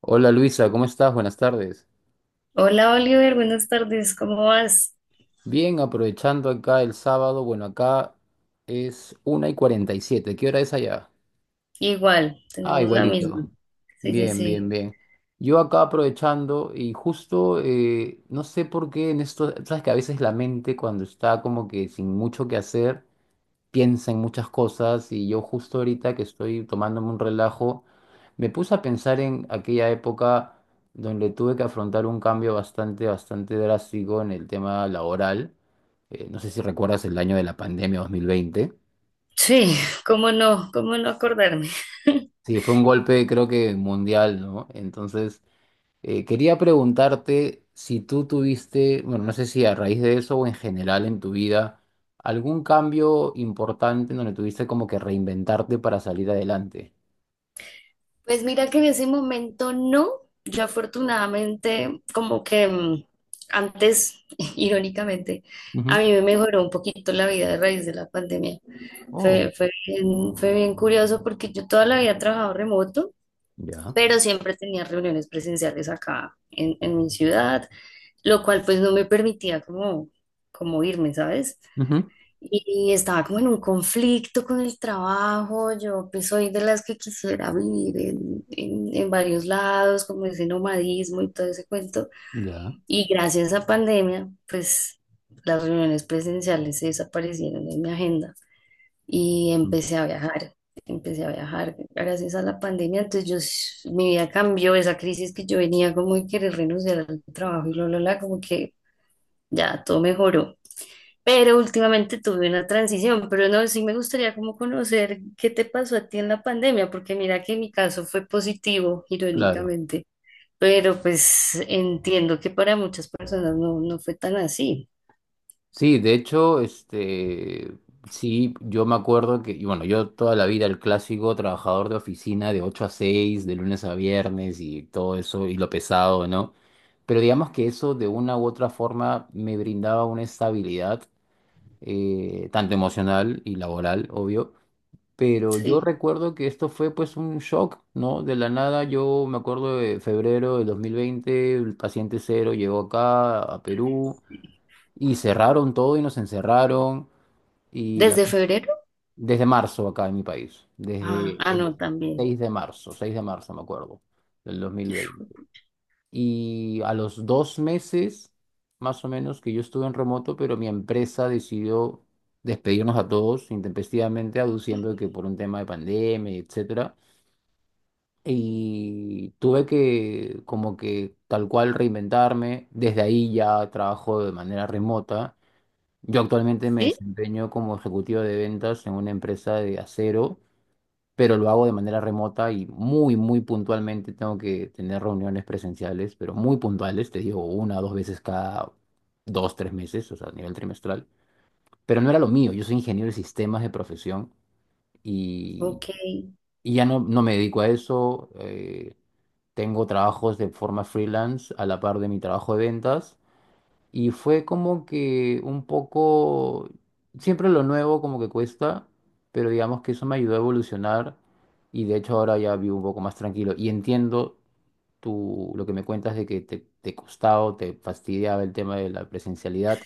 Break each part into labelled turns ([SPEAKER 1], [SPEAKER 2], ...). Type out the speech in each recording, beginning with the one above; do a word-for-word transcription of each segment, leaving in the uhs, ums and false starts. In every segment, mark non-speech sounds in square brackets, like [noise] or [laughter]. [SPEAKER 1] Hola Luisa, ¿cómo estás? Buenas tardes.
[SPEAKER 2] Hola Oliver, buenas tardes, ¿cómo vas?
[SPEAKER 1] Bien, aprovechando acá el sábado, bueno, acá es una y cuarenta y siete. ¿Qué hora es allá?
[SPEAKER 2] Igual,
[SPEAKER 1] Ah,
[SPEAKER 2] tenemos la misma.
[SPEAKER 1] igualito.
[SPEAKER 2] Sí, sí,
[SPEAKER 1] Bien, bien,
[SPEAKER 2] sí.
[SPEAKER 1] bien. Yo acá aprovechando y justo, eh, no sé por qué en esto, sabes que a veces la mente cuando está como que sin mucho que hacer, piensa en muchas cosas y yo justo ahorita que estoy tomándome un relajo, me puse a pensar en aquella época donde tuve que afrontar un cambio bastante, bastante drástico en el tema laboral. Eh, no sé si recuerdas el año de la pandemia dos mil veinte.
[SPEAKER 2] Sí, cómo no, cómo no acordarme. [laughs]
[SPEAKER 1] Sí, fue un golpe creo que mundial, ¿no? Entonces, eh, quería preguntarte si tú tuviste, bueno, no sé si a raíz de eso o en general en tu vida, algún cambio importante en donde tuviste como que reinventarte para salir adelante.
[SPEAKER 2] Pues mira que en ese momento no, yo afortunadamente como que mm, antes, [laughs] irónicamente, a
[SPEAKER 1] Ujú.
[SPEAKER 2] mí me mejoró un poquito la vida a raíz de la pandemia.
[SPEAKER 1] Oh,
[SPEAKER 2] Fue, fue bien, fue bien curioso porque yo toda la vida he trabajado remoto,
[SPEAKER 1] ya.
[SPEAKER 2] pero siempre tenía reuniones presenciales acá en, en mi ciudad, lo cual pues no me permitía como, como irme, ¿sabes?
[SPEAKER 1] Ujú.
[SPEAKER 2] Y estaba como en un conflicto con el trabajo, yo pues soy de las que quisiera vivir en, en, en varios lados, como ese nomadismo y todo ese cuento.
[SPEAKER 1] Ya.
[SPEAKER 2] Y gracias a pandemia, pues las reuniones presenciales se desaparecieron de mi agenda y
[SPEAKER 1] Mm.
[SPEAKER 2] empecé a viajar. Empecé a viajar gracias a la pandemia, entonces yo, s- mi vida cambió, esa crisis que yo venía como de querer renunciar al trabajo y lo, lo, la, como que ya, todo mejoró. Pero últimamente tuve una transición, pero no, sí me gustaría como conocer qué te pasó a ti en la pandemia, porque mira que mi caso fue positivo,
[SPEAKER 1] Claro.
[SPEAKER 2] irónicamente, pero pues entiendo que para muchas personas no, no fue tan así.
[SPEAKER 1] Sí, de hecho, este, sí, yo me acuerdo que, y bueno, yo toda la vida el clásico trabajador de oficina de ocho a seis de lunes a viernes y todo eso, y lo pesado, ¿no? Pero digamos que eso de una u otra forma me brindaba una estabilidad, eh, tanto emocional y laboral, obvio. Pero yo
[SPEAKER 2] Sí.
[SPEAKER 1] recuerdo que esto fue pues un shock, ¿no? De la nada, yo me acuerdo de febrero del dos mil veinte, el paciente cero llegó acá a Perú y cerraron todo y nos encerraron y la-
[SPEAKER 2] ¿Desde febrero?
[SPEAKER 1] desde marzo acá en mi país,
[SPEAKER 2] Ah,
[SPEAKER 1] desde
[SPEAKER 2] ah,
[SPEAKER 1] el
[SPEAKER 2] no, también.
[SPEAKER 1] 6 de marzo, 6 de marzo me acuerdo, del dos mil veinte. Y a los dos meses, más o menos, que yo estuve en remoto, pero mi empresa decidió despedirnos a todos intempestivamente, aduciendo que por un tema de pandemia, etc. Y tuve que como que tal cual reinventarme. Desde ahí ya trabajo de manera remota. Yo actualmente me
[SPEAKER 2] ¿Sí?
[SPEAKER 1] desempeño como ejecutivo de ventas en una empresa de acero, pero lo hago de manera remota y muy, muy puntualmente tengo que tener reuniones presenciales, pero muy puntuales, te digo, una o dos veces cada dos, tres meses, o sea, a nivel trimestral. Pero no era lo mío, yo soy ingeniero de sistemas de profesión y,
[SPEAKER 2] Ok.
[SPEAKER 1] y ya no, no me dedico a eso. Eh, tengo trabajos de forma freelance a la par de mi trabajo de ventas y fue como que un poco, siempre lo nuevo como que cuesta, pero digamos que eso me ayudó a evolucionar y de hecho ahora ya vivo un poco más tranquilo y entiendo tú lo que me cuentas de que te, te costaba, o te fastidiaba el tema de la presencialidad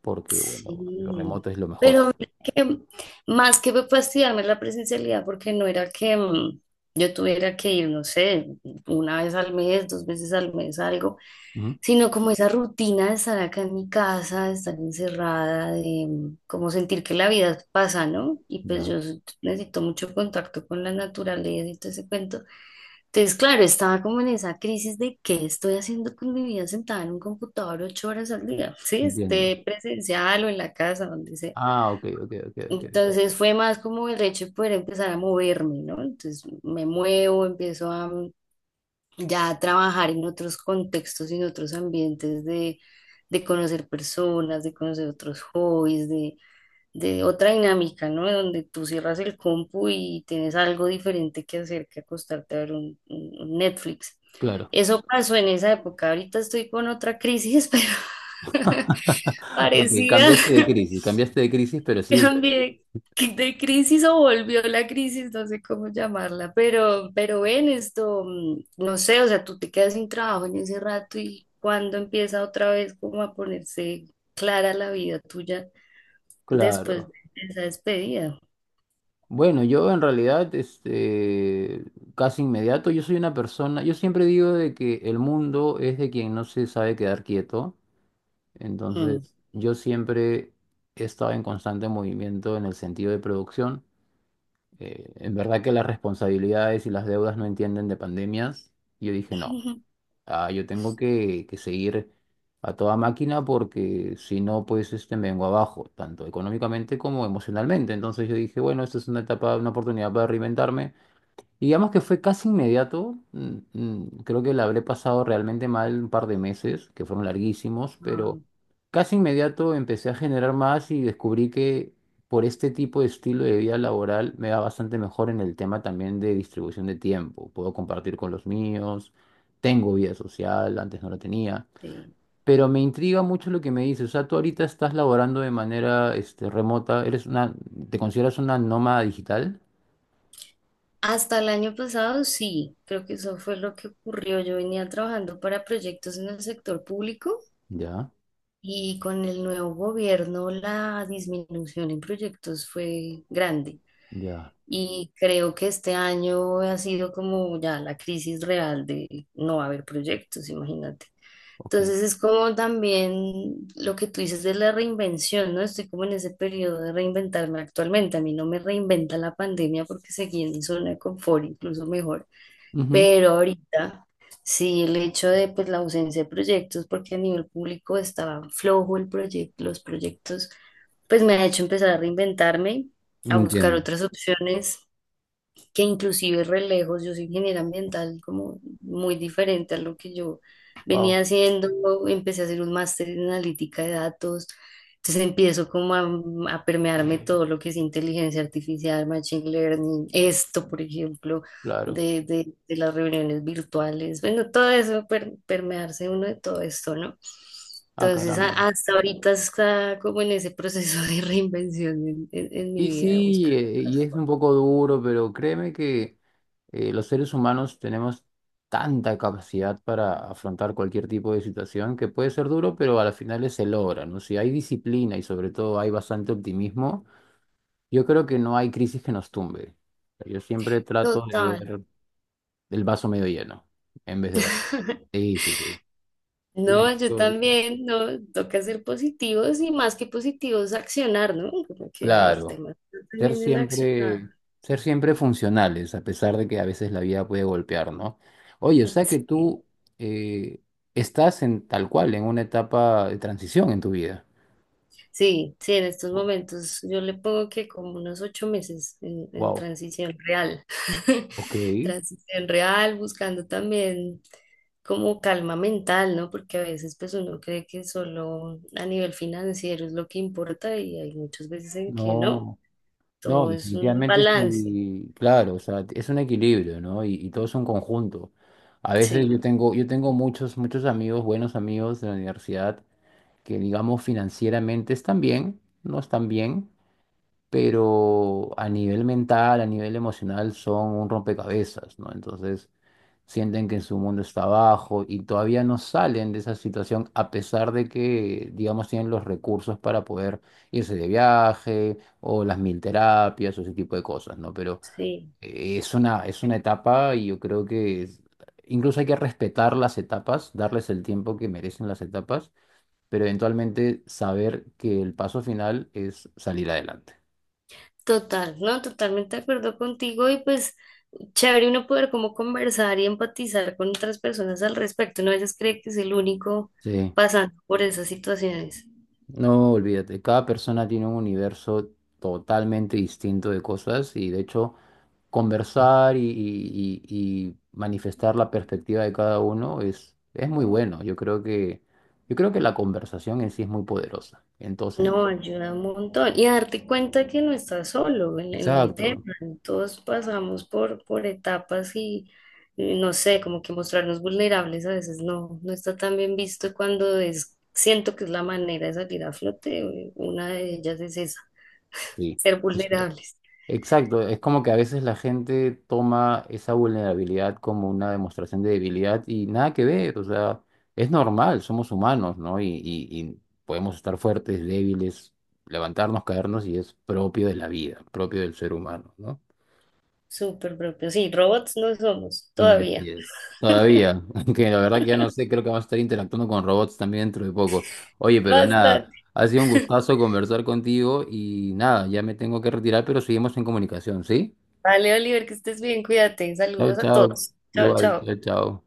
[SPEAKER 1] porque bueno, lo
[SPEAKER 2] Sí,
[SPEAKER 1] remoto es lo mejor.
[SPEAKER 2] pero mira que más que fastidiarme la presencialidad, porque no era que mm, yo tuviera que ir, no sé, una vez al mes, dos veces al mes, algo,
[SPEAKER 1] Ujú.
[SPEAKER 2] sino como esa rutina de estar acá en mi casa, de estar encerrada, de mm, como sentir que la vida pasa, ¿no? Y pues
[SPEAKER 1] Ya,
[SPEAKER 2] yo s- necesito mucho contacto con la naturaleza y todo ese cuento. Entonces, claro, estaba como en esa crisis de qué estoy haciendo con mi vida sentada en un computador ocho horas al día, [laughs] sí,
[SPEAKER 1] entiendo.
[SPEAKER 2] esté presencial o en la casa, donde sea.
[SPEAKER 1] Ah, ok, ok, ok, ok, ok.
[SPEAKER 2] Entonces fue más como el hecho de poder empezar a moverme, ¿no? Entonces me muevo, empiezo a mm, ya a trabajar en otros contextos y en otros ambientes de, de conocer personas, de conocer otros hobbies, de de otra dinámica, ¿no? Donde tú cierras el compu y tienes algo diferente que hacer que acostarte a ver un, un- un Netflix.
[SPEAKER 1] Claro.
[SPEAKER 2] Eso pasó en esa época. Ahorita estoy con otra crisis, [laughs] pero
[SPEAKER 1] [laughs] Ok,
[SPEAKER 2] parecida
[SPEAKER 1] cambiaste de crisis, cambiaste de crisis, pero sí.
[SPEAKER 2] también de crisis o volvió la crisis, no sé cómo llamarla, pero, pero ven esto, mm, no sé, o sea, tú te quedas sin trabajo en ese rato y cuando empieza otra vez como a ponerse clara la vida tuya después
[SPEAKER 1] Claro.
[SPEAKER 2] de esa despedida.
[SPEAKER 1] Bueno, yo en realidad, este, casi inmediato, yo soy una persona, yo siempre digo de que el mundo es de quien no se sabe quedar quieto,
[SPEAKER 2] Hmm.
[SPEAKER 1] entonces yo siempre he estado en constante movimiento en el sentido de producción. Eh, en verdad que las responsabilidades y las deudas no entienden de pandemias. Yo dije, no,
[SPEAKER 2] Ujú.
[SPEAKER 1] ah, yo tengo que, que seguir a toda máquina porque si no, pues este, me vengo abajo, tanto económicamente como emocionalmente. Entonces yo dije, bueno, esta es una etapa, una oportunidad para reinventarme. Digamos que fue casi inmediato. mm, mm, Creo que la habré pasado realmente mal un par de meses, que fueron larguísimos,
[SPEAKER 2] Ah,
[SPEAKER 1] pero casi inmediato empecé a generar más y descubrí que por este tipo de estilo de vida laboral me va bastante mejor en el tema también de distribución de tiempo. Puedo compartir con los míos, tengo vida social, antes no la tenía.
[SPEAKER 2] sí.
[SPEAKER 1] Pero me intriga mucho lo que me dices. O sea, tú ahorita estás laborando de manera este, remota, eres una, ¿te consideras una nómada digital?
[SPEAKER 2] Hasta el año pasado sí, creo que eso fue lo que ocurrió. Yo venía trabajando para proyectos en el sector público.
[SPEAKER 1] Ya,
[SPEAKER 2] Y con el nuevo gobierno la disminución en proyectos fue grande.
[SPEAKER 1] ya,
[SPEAKER 2] Y creo que este año ha sido como ya la crisis real de no haber proyectos, imagínate.
[SPEAKER 1] ok.
[SPEAKER 2] Entonces es como también lo que tú dices de la reinvención, ¿no? Estoy como en ese periodo de reinventarme actualmente. A mí no me reinventa la pandemia porque seguí en mi zona de confort, incluso mejor.
[SPEAKER 1] Ujú.
[SPEAKER 2] Pero ahorita sí, el hecho de pues la ausencia de proyectos, porque a nivel público estaba flojo el proyecto, los proyectos, pues me ha hecho empezar a reinventarme, a buscar
[SPEAKER 1] Entiendo.
[SPEAKER 2] otras opciones que inclusive re lejos, yo soy ingeniera ambiental, como muy diferente a lo que yo venía
[SPEAKER 1] Wow,
[SPEAKER 2] haciendo, empecé a hacer un máster en analítica de datos, entonces empiezo como a, a permearme todo lo que es inteligencia artificial, machine learning, esto, por ejemplo,
[SPEAKER 1] claro.
[SPEAKER 2] de, de- de las reuniones virtuales, bueno, todo eso, per- permearse uno de todo esto, ¿no?
[SPEAKER 1] Ah,
[SPEAKER 2] Entonces, a-
[SPEAKER 1] caramba.
[SPEAKER 2] hasta ahorita está como en ese proceso de reinvención en, en- en mi
[SPEAKER 1] Y
[SPEAKER 2] vida,
[SPEAKER 1] sí,
[SPEAKER 2] buscando
[SPEAKER 1] eh,
[SPEAKER 2] otras
[SPEAKER 1] y es un
[SPEAKER 2] formas.
[SPEAKER 1] poco duro, pero créeme que eh, los seres humanos tenemos tanta capacidad para afrontar cualquier tipo de situación que puede ser duro, pero a las finales se logra, ¿no? Si hay disciplina y sobre todo hay bastante optimismo, yo creo que no hay crisis que nos tumbe. Yo siempre trato de
[SPEAKER 2] Total.
[SPEAKER 1] ver el vaso medio lleno en vez de vacío.
[SPEAKER 2] [laughs]
[SPEAKER 1] Sí, sí, sí. Y de
[SPEAKER 2] No, yo
[SPEAKER 1] hecho,
[SPEAKER 2] también, no, toca ser positivos y más que positivos, accionar, ¿no? Como que el
[SPEAKER 1] claro.
[SPEAKER 2] tema está
[SPEAKER 1] Ser
[SPEAKER 2] también en accionar.
[SPEAKER 1] siempre, ser siempre funcionales, a pesar de que a veces la vida puede golpear, ¿no? Oye, o sea que
[SPEAKER 2] Sí,
[SPEAKER 1] tú eh, estás en tal cual, en una etapa de transición en tu vida.
[SPEAKER 2] sí, sí, en estos momentos yo le pongo que como unos ocho meses en, en
[SPEAKER 1] Wow,
[SPEAKER 2] transición real. [laughs]
[SPEAKER 1] ok.
[SPEAKER 2] Transición real, buscando también como calma mental, ¿no? Porque a veces pues uno cree que solo a nivel financiero es lo que importa y hay muchas veces en que no,
[SPEAKER 1] No, no,
[SPEAKER 2] todo es un
[SPEAKER 1] definitivamente
[SPEAKER 2] balance,
[SPEAKER 1] sí, claro, o sea, es un equilibrio, ¿no? Y, y todo es un conjunto. A veces yo
[SPEAKER 2] sí,
[SPEAKER 1] tengo, yo tengo
[SPEAKER 2] sí.
[SPEAKER 1] muchos, muchos amigos, buenos amigos de la universidad, que digamos financieramente están bien, no están bien, pero a nivel mental, a nivel emocional, son un rompecabezas, ¿no? Entonces sienten que su mundo está abajo y todavía no salen de esa situación a pesar de que, digamos, tienen los recursos para poder irse de viaje o las mil terapias o ese tipo de cosas, ¿no? Pero
[SPEAKER 2] Sí.
[SPEAKER 1] eh, es una, es una etapa y yo creo que es- incluso hay que respetar las etapas, darles el tiempo que merecen las etapas, pero eventualmente saber que el paso final es salir adelante.
[SPEAKER 2] Total, ¿no? Totalmente de acuerdo contigo y pues chévere uno poder como conversar y empatizar con otras personas al respecto. No a veces cree que es el único
[SPEAKER 1] Sí.
[SPEAKER 2] pasando por esas situaciones.
[SPEAKER 1] No, olvídate, cada persona tiene un universo totalmente distinto de cosas y de hecho conversar y, y- y- y manifestar la perspectiva de cada uno es, es muy bueno. Yo creo que, yo creo que la conversación en sí es muy poderosa. Entonces,
[SPEAKER 2] No, ayuda un montón. Y darte cuenta que no estás solo en, en el tema.
[SPEAKER 1] exacto,
[SPEAKER 2] Todos pasamos por, por etapas y y no sé, como que mostrarnos vulnerables a veces no, no está tan bien visto cuando es, siento que es la manera de salir a flote. eh, Una de ellas es esa, [laughs]
[SPEAKER 1] sí,
[SPEAKER 2] ser
[SPEAKER 1] es cierto.
[SPEAKER 2] vulnerables.
[SPEAKER 1] Exacto, es como que a veces la gente toma esa vulnerabilidad como una demostración de debilidad y nada que ver, o sea, es normal, somos humanos, ¿no? Y, y- y podemos estar fuertes, débiles, levantarnos, caernos y es propio de la vida, propio del ser humano, ¿no?
[SPEAKER 2] Súper propio. Sí, robots no somos
[SPEAKER 1] Mm,
[SPEAKER 2] todavía.
[SPEAKER 1] así es. Todavía, [laughs] aunque la verdad que ya no sé, creo que vamos a estar interactuando con robots también dentro de poco. Oye, pero nada,
[SPEAKER 2] Bastante.
[SPEAKER 1] ha sido un gustazo conversar contigo y nada, ya me tengo que retirar, pero seguimos en comunicación, ¿sí?
[SPEAKER 2] Vale, Oliver, que estés bien, cuídate.
[SPEAKER 1] Chao,
[SPEAKER 2] Saludos a
[SPEAKER 1] chao.
[SPEAKER 2] todos. Chao,
[SPEAKER 1] Igual,
[SPEAKER 2] chao.
[SPEAKER 1] chao, chao.